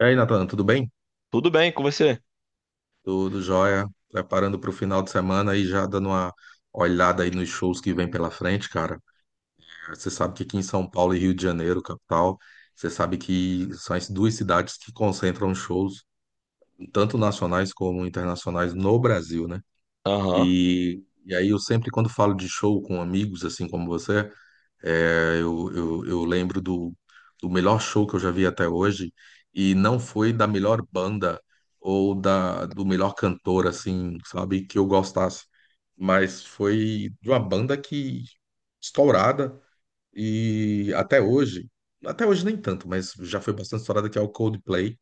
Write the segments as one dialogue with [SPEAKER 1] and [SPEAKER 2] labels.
[SPEAKER 1] E aí, Nathan, tudo bem?
[SPEAKER 2] Tudo bem com você?
[SPEAKER 1] Tudo jóia. Preparando para o final de semana e já dando uma olhada aí nos shows que vem pela frente, cara. Você sabe que aqui em São Paulo e Rio de Janeiro, capital, você sabe que são as duas cidades que concentram shows, tanto nacionais como internacionais, no Brasil, né?
[SPEAKER 2] Aham,
[SPEAKER 1] E aí eu sempre, quando falo de show com amigos, assim como você, eu lembro do melhor show que eu já vi até hoje, e não foi da melhor banda ou do melhor cantor, assim, sabe, que eu gostasse, mas foi de uma banda que estourada, e até hoje nem tanto, mas já foi bastante estourada, que é o Coldplay,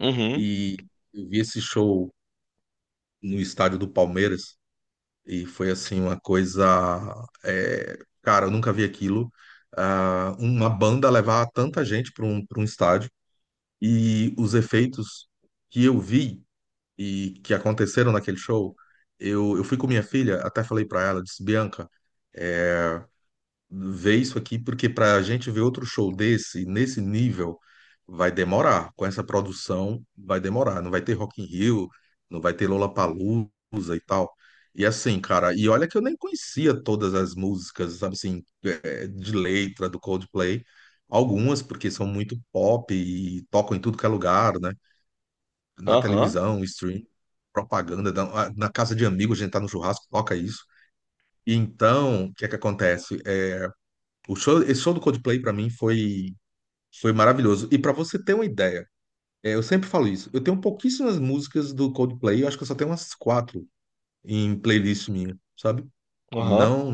[SPEAKER 2] uhum,
[SPEAKER 1] e eu vi esse show no estádio do Palmeiras, e foi assim uma coisa, é, cara, eu nunca vi aquilo. Ah, uma banda levar tanta gente para um estádio e os efeitos que eu vi e que aconteceram naquele show, eu fui com minha filha, até falei para ela, disse, Bianca, eh, ver isso aqui, porque para a gente ver outro show desse, nesse nível, vai demorar. Com essa produção, vai demorar. Não vai ter Rock in Rio, não vai ter Lollapalooza e tal. E assim, cara, e olha que eu nem conhecia todas as músicas, sabe assim, de letra do Coldplay. Algumas, porque são muito pop e tocam em tudo que é lugar, né? Na
[SPEAKER 2] aham,
[SPEAKER 1] televisão, stream, propaganda, na casa de amigos, a gente tá no churrasco, toca isso. Então, o que é que acontece? O show, esse show do Coldplay pra mim foi maravilhoso. E pra você ter uma ideia, é, eu sempre falo isso. Eu tenho pouquíssimas músicas do Coldplay. Eu acho que eu só tenho umas quatro em playlist minha, sabe?
[SPEAKER 2] aham,
[SPEAKER 1] Não,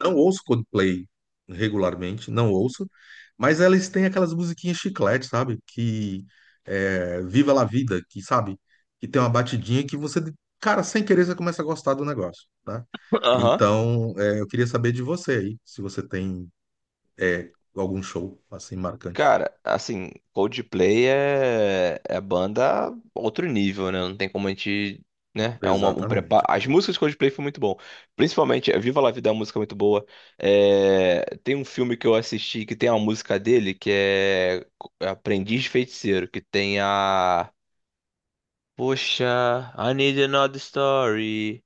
[SPEAKER 1] não ouço Coldplay regularmente, não ouço. Mas elas têm aquelas musiquinhas chiclete, sabe? Que é, Viva la Vida, que sabe? Que tem uma batidinha que você, cara, sem querer você começa a gostar do negócio, tá?
[SPEAKER 2] aham.
[SPEAKER 1] Então, é, eu queria saber de você aí, se você tem é, algum show assim marcante.
[SPEAKER 2] Cara, assim, Coldplay é banda outro nível, né? Não tem como a gente, né? Um preparo.
[SPEAKER 1] Exatamente.
[SPEAKER 2] As músicas de Coldplay foi muito bom. Principalmente, Viva La Vida é uma música muito boa. É, Tem um filme que eu assisti que tem uma música dele que é Aprendiz de Feiticeiro, que tem a... Poxa, I need another story.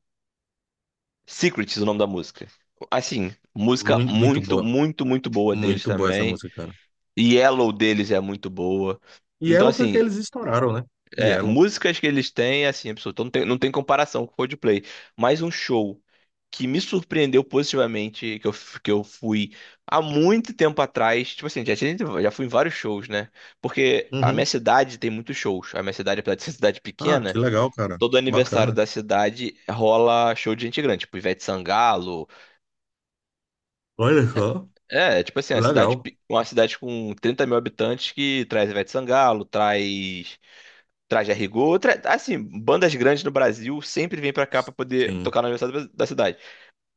[SPEAKER 2] Secrets, o nome da música. Assim, música
[SPEAKER 1] Muito, muito
[SPEAKER 2] muito,
[SPEAKER 1] boa.
[SPEAKER 2] muito, muito boa deles
[SPEAKER 1] Muito boa essa
[SPEAKER 2] também.
[SPEAKER 1] música, cara.
[SPEAKER 2] Yellow deles é muito boa.
[SPEAKER 1] E
[SPEAKER 2] Então,
[SPEAKER 1] Yellow foi que
[SPEAKER 2] assim,
[SPEAKER 1] eles estouraram, né?
[SPEAKER 2] é,
[SPEAKER 1] Yellow.
[SPEAKER 2] músicas que eles têm, assim, absoluto, não tem, não tem comparação com o Coldplay. Mas um show que me surpreendeu positivamente, que que eu fui há muito tempo atrás. Tipo assim, já fui em vários shows, né? Porque a
[SPEAKER 1] Uhum.
[SPEAKER 2] minha cidade tem muitos shows. A minha cidade, apesar de ser cidade
[SPEAKER 1] Ah, que
[SPEAKER 2] pequena,
[SPEAKER 1] legal, cara.
[SPEAKER 2] todo aniversário
[SPEAKER 1] Bacana.
[SPEAKER 2] da cidade rola show de gente grande, tipo Ivete Sangalo.
[SPEAKER 1] Olha só.
[SPEAKER 2] É, é tipo assim, uma cidade,
[SPEAKER 1] Legal.
[SPEAKER 2] uma cidade com 30.000 habitantes que traz Ivete Sangalo, traz, traz Django, tra... assim, bandas grandes no Brasil sempre vêm pra cá pra poder
[SPEAKER 1] Sim,
[SPEAKER 2] tocar no aniversário da cidade.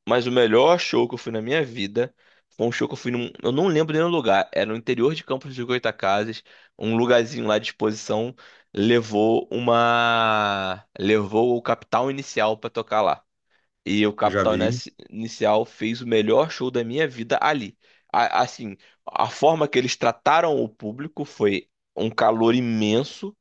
[SPEAKER 2] Mas o melhor show que eu fui na minha vida foi um show que eu fui num, eu não lembro nem o lugar, era no interior de Campos de Goytacazes, um lugarzinho lá de exposição, levou o Capital Inicial pra tocar lá. E o
[SPEAKER 1] já
[SPEAKER 2] Capital
[SPEAKER 1] vi.
[SPEAKER 2] Inici- Inicial fez o melhor show da minha vida ali. Assim, a forma que eles trataram o público foi um calor imenso.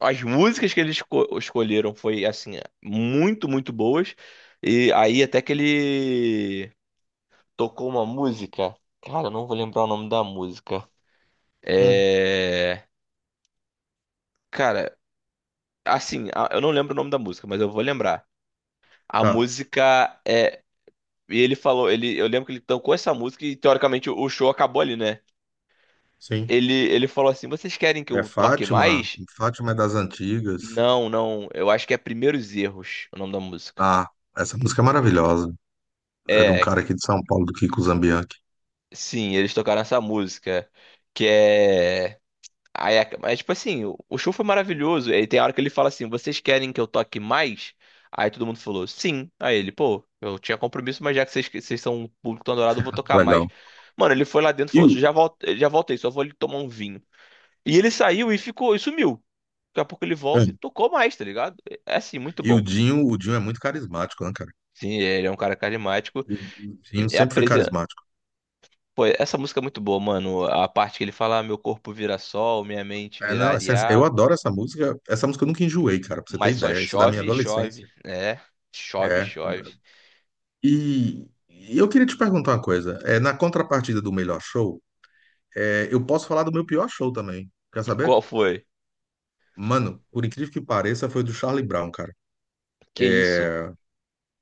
[SPEAKER 2] As músicas que eles escolheram foi assim, muito, muito boas. E aí até que ele tocou uma música. Cara, eu não vou lembrar o nome da música.
[SPEAKER 1] Hum,
[SPEAKER 2] É, cara, assim, eu não lembro o nome da música, mas eu vou lembrar. A
[SPEAKER 1] tá.
[SPEAKER 2] música é... E ele falou, ele, eu lembro que ele tocou essa música e teoricamente o show acabou ali, né?
[SPEAKER 1] Sim.
[SPEAKER 2] Ele falou assim: "Vocês querem que
[SPEAKER 1] É
[SPEAKER 2] eu toque
[SPEAKER 1] Fátima.
[SPEAKER 2] mais?"
[SPEAKER 1] Fátima é das antigas.
[SPEAKER 2] Não, não, eu acho que é Primeiros Erros, o nome da música.
[SPEAKER 1] Ah, essa música é maravilhosa. É de um
[SPEAKER 2] É,
[SPEAKER 1] cara aqui de São Paulo, do Kiko Zambianchi.
[SPEAKER 2] sim, eles tocaram essa música, que é aí, é- mas tipo assim, o show foi maravilhoso. Aí tem hora que ele fala assim: "Vocês querem que eu toque mais?" Aí todo mundo falou: "Sim". Aí ele, pô, eu tinha compromisso, mas já que vocês são um público tão adorado, eu vou tocar mais.
[SPEAKER 1] Legal.
[SPEAKER 2] Mano, ele foi lá dentro e
[SPEAKER 1] E
[SPEAKER 2] falou:
[SPEAKER 1] o,
[SPEAKER 2] Já voltei, só vou ali tomar um vinho." E ele saiu e ficou, e sumiu. Daqui a pouco ele volta e
[SPEAKER 1] hum,
[SPEAKER 2] tocou mais, tá ligado? É assim, muito
[SPEAKER 1] e
[SPEAKER 2] bom.
[SPEAKER 1] O Dinho é muito carismático, né, cara?
[SPEAKER 2] Sim, ele é um cara carismático.
[SPEAKER 1] O Dinho
[SPEAKER 2] É a
[SPEAKER 1] sempre foi
[SPEAKER 2] presen-
[SPEAKER 1] carismático.
[SPEAKER 2] Pô, essa música é muito boa, mano. A parte que ele fala, "Ah, meu corpo vira sol, minha mente
[SPEAKER 1] É,
[SPEAKER 2] vira
[SPEAKER 1] não, essa- eu
[SPEAKER 2] areia,
[SPEAKER 1] adoro essa música. Essa música eu nunca enjoei, cara, pra você ter
[SPEAKER 2] mas só
[SPEAKER 1] ideia. Isso é da minha
[SPEAKER 2] chove, e
[SPEAKER 1] adolescência.
[SPEAKER 2] chove. É, chove, e
[SPEAKER 1] É.
[SPEAKER 2] chove."
[SPEAKER 1] E eu queria te perguntar uma coisa. É, na contrapartida do melhor show, é, eu posso falar do meu pior show também. Quer saber?
[SPEAKER 2] Qual foi?
[SPEAKER 1] Mano, por incrível que pareça, foi o do Charlie Brown, cara.
[SPEAKER 2] Que isso?
[SPEAKER 1] É,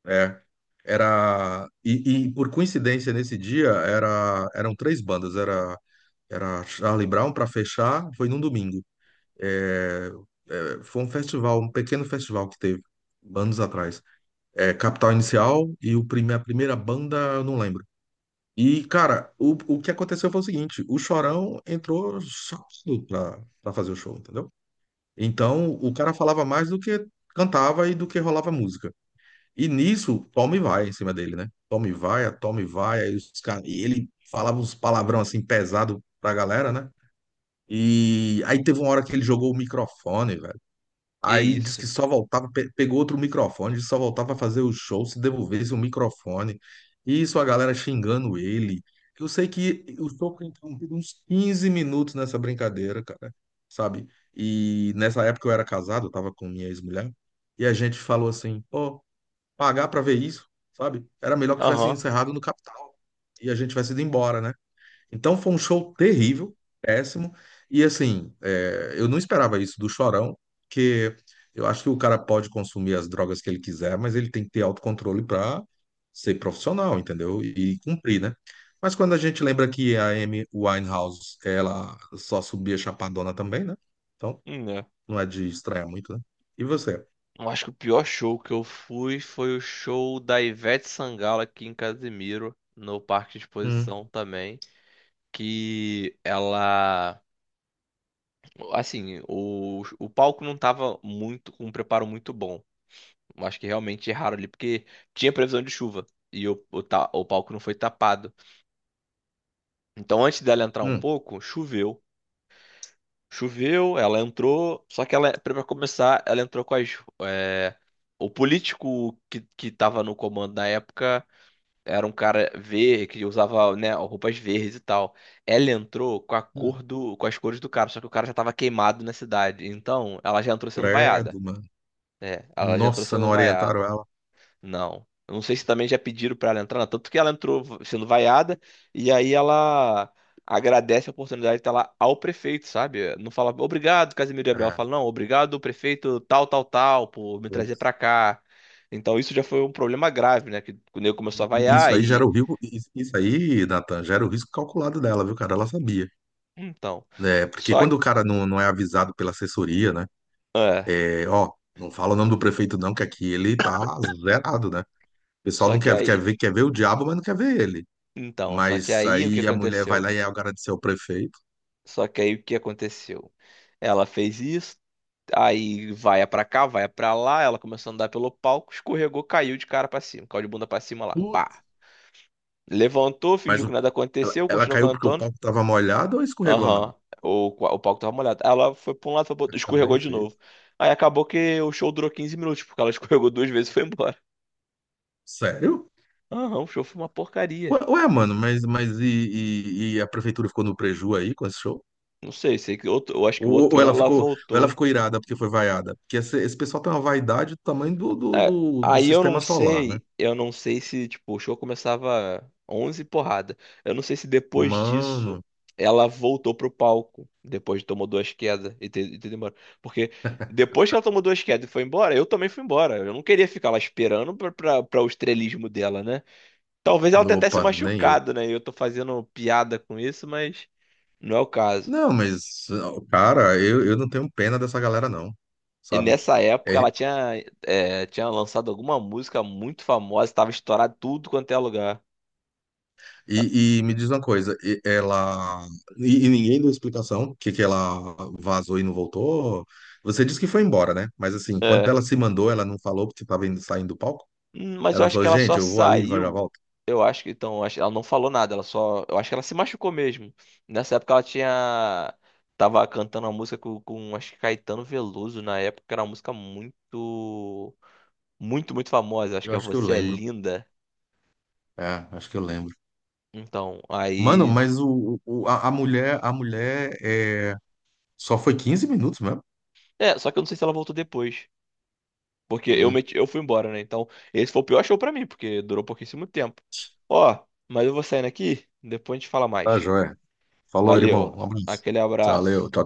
[SPEAKER 1] é. Era. E por coincidência, nesse dia, eram três bandas. Era Charlie Brown pra fechar, foi num domingo. É, é, foi um festival, um pequeno festival que teve anos atrás. É, Capital Inicial e o prime, a primeira banda, eu não lembro. E, cara, o que aconteceu foi o seguinte: o Chorão entrou sócio pra fazer o show, entendeu? Então, o cara falava mais do que cantava e do que rolava música. E nisso, toma e vai em cima dele, né? Toma e vai, a toma e vai. Aí os cara, e ele falava uns palavrão assim pesado pra galera, né? E aí teve uma hora que ele jogou o microfone, velho.
[SPEAKER 2] Que
[SPEAKER 1] Aí disse que
[SPEAKER 2] isso?
[SPEAKER 1] só voltava, pe- pegou outro microfone, disse que só voltava a fazer o show se devolvesse o microfone. E isso a galera xingando ele. Eu sei que o show foi interrompido uns 15 minutos nessa brincadeira, cara, sabe? E nessa época eu era casado, eu tava com minha ex-mulher, e a gente falou assim: pô, pagar pra ver isso, sabe? Era melhor que tivesse
[SPEAKER 2] Aham.
[SPEAKER 1] encerrado no Capital e a gente tivesse ido embora, né? Então foi um show terrível, péssimo. E assim, é, eu não esperava isso do Chorão, porque eu acho que o cara pode consumir as drogas que ele quiser, mas ele tem que ter autocontrole para ser profissional, entendeu? E, cumprir, né? Mas quando a gente lembra que a Amy Winehouse, ela só subia chapadona também, né? Então
[SPEAKER 2] É.
[SPEAKER 1] não é de estranhar muito, né? E você?
[SPEAKER 2] Eu acho que o pior show que eu fui foi o show da Ivete Sangalo aqui em Casimiro, no Parque de
[SPEAKER 1] Hum,
[SPEAKER 2] Exposição também. Que ela, assim, o palco não tava muito com um preparo muito bom. Eu acho que realmente erraram ali porque tinha previsão de chuva e o palco não foi tapado. Então antes dela entrar um
[SPEAKER 1] hum,
[SPEAKER 2] pouco, choveu. Choveu, ela entrou, só que ela, para começar, ela entrou com é, o político que tava no comando na época. Era um cara verde que usava, né, roupas verdes e tal. Ela entrou com a
[SPEAKER 1] hum.
[SPEAKER 2] cor do, com as cores do cara, só que o cara já tava queimado na cidade. Então, ela já entrou sendo vaiada.
[SPEAKER 1] Credo, mano.
[SPEAKER 2] É, ela já entrou
[SPEAKER 1] Nossa, não
[SPEAKER 2] sendo vaiada.
[SPEAKER 1] orientaram ela.
[SPEAKER 2] Não. Eu não sei se também já pediram pra ela entrar, não. Tanto que ela sendo vaiada e aí ela agradece a oportunidade de estar lá ao prefeito, sabe? Não fala obrigado, Casimiro Gabriel. Ela fala, não, obrigado, prefeito tal, tal, tal, por me trazer
[SPEAKER 1] É.
[SPEAKER 2] pra cá. Então, isso já foi um problema grave, né? Que o nego começou a
[SPEAKER 1] E
[SPEAKER 2] vaiar
[SPEAKER 1] isso aí gera
[SPEAKER 2] e...
[SPEAKER 1] o risco, isso aí, Nathan, gera o risco calculado dela, viu, cara? Ela sabia,
[SPEAKER 2] Então,
[SPEAKER 1] né? Porque
[SPEAKER 2] só
[SPEAKER 1] quando
[SPEAKER 2] que,
[SPEAKER 1] o cara não é avisado pela assessoria, né?
[SPEAKER 2] é,
[SPEAKER 1] É, ó, não fala o nome do prefeito não, que aqui ele tá zerado, né? O pessoal
[SPEAKER 2] só
[SPEAKER 1] não
[SPEAKER 2] que
[SPEAKER 1] quer,
[SPEAKER 2] aí,
[SPEAKER 1] quer ver o diabo, mas não quer ver ele.
[SPEAKER 2] então, só que
[SPEAKER 1] Mas
[SPEAKER 2] aí o que
[SPEAKER 1] aí a mulher vai
[SPEAKER 2] aconteceu?
[SPEAKER 1] lá e agradeceu ao prefeito.
[SPEAKER 2] Só que aí o que aconteceu? Ela fez isso, aí vai pra cá, vai pra lá, ela começou a andar pelo palco, escorregou, caiu de cara pra cima, caiu de bunda pra cima lá. Bah.
[SPEAKER 1] Putz,
[SPEAKER 2] Levantou, fingiu
[SPEAKER 1] mas
[SPEAKER 2] que
[SPEAKER 1] o-
[SPEAKER 2] nada aconteceu,
[SPEAKER 1] ela
[SPEAKER 2] continuou
[SPEAKER 1] caiu porque o
[SPEAKER 2] cantando.
[SPEAKER 1] palco tava molhado ou escorregou mesmo?
[SPEAKER 2] Aham. O palco tava molhado. Ela foi pra um lado, foi pro outro,
[SPEAKER 1] Tá bem
[SPEAKER 2] escorregou de novo.
[SPEAKER 1] feito.
[SPEAKER 2] Aí acabou que o show durou 15 minutos, porque ela escorregou duas vezes e foi embora.
[SPEAKER 1] Sério?
[SPEAKER 2] Aham, o show foi uma porcaria.
[SPEAKER 1] Ué, ué, mano, mas e a prefeitura ficou no preju aí com esse show?
[SPEAKER 2] Não sei, sei que outro, eu acho que o
[SPEAKER 1] Ou,
[SPEAKER 2] outro
[SPEAKER 1] ou
[SPEAKER 2] ano
[SPEAKER 1] ela
[SPEAKER 2] ela
[SPEAKER 1] ficou, ou ela
[SPEAKER 2] voltou.
[SPEAKER 1] ficou irada porque foi vaiada. Porque esse pessoal tem uma vaidade do tamanho
[SPEAKER 2] É,
[SPEAKER 1] do
[SPEAKER 2] aí
[SPEAKER 1] sistema solar, né?
[SPEAKER 2] eu não sei se, tipo, o show começava 11 porrada. Eu não sei se depois disso
[SPEAKER 1] Mano,
[SPEAKER 2] ela voltou pro palco, depois de tomou duas quedas e ter demorado. Porque depois que ela tomou duas quedas e foi embora, eu também fui embora. Eu não queria ficar lá esperando pra o estrelismo dela, né? Talvez ela
[SPEAKER 1] no-
[SPEAKER 2] tentar se
[SPEAKER 1] opa, nem eu.
[SPEAKER 2] machucado, né? E eu tô fazendo piada com isso, mas não é o caso.
[SPEAKER 1] Não, mas, cara, eu não tenho pena dessa galera, não.
[SPEAKER 2] E
[SPEAKER 1] Sabe?
[SPEAKER 2] nessa época
[SPEAKER 1] É,
[SPEAKER 2] ela tinha, é, tinha lançado alguma música muito famosa, estava estourado tudo quanto é lugar.
[SPEAKER 1] e me diz uma coisa, e- ela. E ninguém deu explicação que ela vazou e não voltou. Você disse que foi embora, né? Mas assim, quando
[SPEAKER 2] É.
[SPEAKER 1] ela se mandou, ela não falou porque estava indo, saindo do palco?
[SPEAKER 2] Mas
[SPEAKER 1] Ela
[SPEAKER 2] eu
[SPEAKER 1] não
[SPEAKER 2] acho que
[SPEAKER 1] falou,
[SPEAKER 2] ela
[SPEAKER 1] gente,
[SPEAKER 2] só
[SPEAKER 1] eu vou ali e já
[SPEAKER 2] saiu.
[SPEAKER 1] volto.
[SPEAKER 2] Eu acho que então, eu acho- Ela não falou nada, ela só... Eu acho que ela se machucou mesmo. Nessa época ela tinha. Tava cantando uma música com acho que Caetano Veloso na época, que era uma música muito. Muito, muito famosa. Acho
[SPEAKER 1] Eu
[SPEAKER 2] que é
[SPEAKER 1] acho que eu
[SPEAKER 2] Você é
[SPEAKER 1] lembro.
[SPEAKER 2] Linda.
[SPEAKER 1] É, acho que eu lembro.
[SPEAKER 2] Então,
[SPEAKER 1] Mano,
[SPEAKER 2] aí.
[SPEAKER 1] mas a mulher é... só foi 15 minutos mesmo?
[SPEAKER 2] É, só que eu não sei se ela voltou depois. Porque eu
[SPEAKER 1] Hum.
[SPEAKER 2] meti, eu fui embora, né? Então, esse foi o pior show pra mim, porque durou pouquíssimo tempo. Ó, mas eu vou saindo aqui, depois a gente fala
[SPEAKER 1] Tá,
[SPEAKER 2] mais.
[SPEAKER 1] joia. Falou, irmão.
[SPEAKER 2] Valeu,
[SPEAKER 1] Um abraço.
[SPEAKER 2] aquele
[SPEAKER 1] Valeu. Tchau,
[SPEAKER 2] abraço.
[SPEAKER 1] tchau.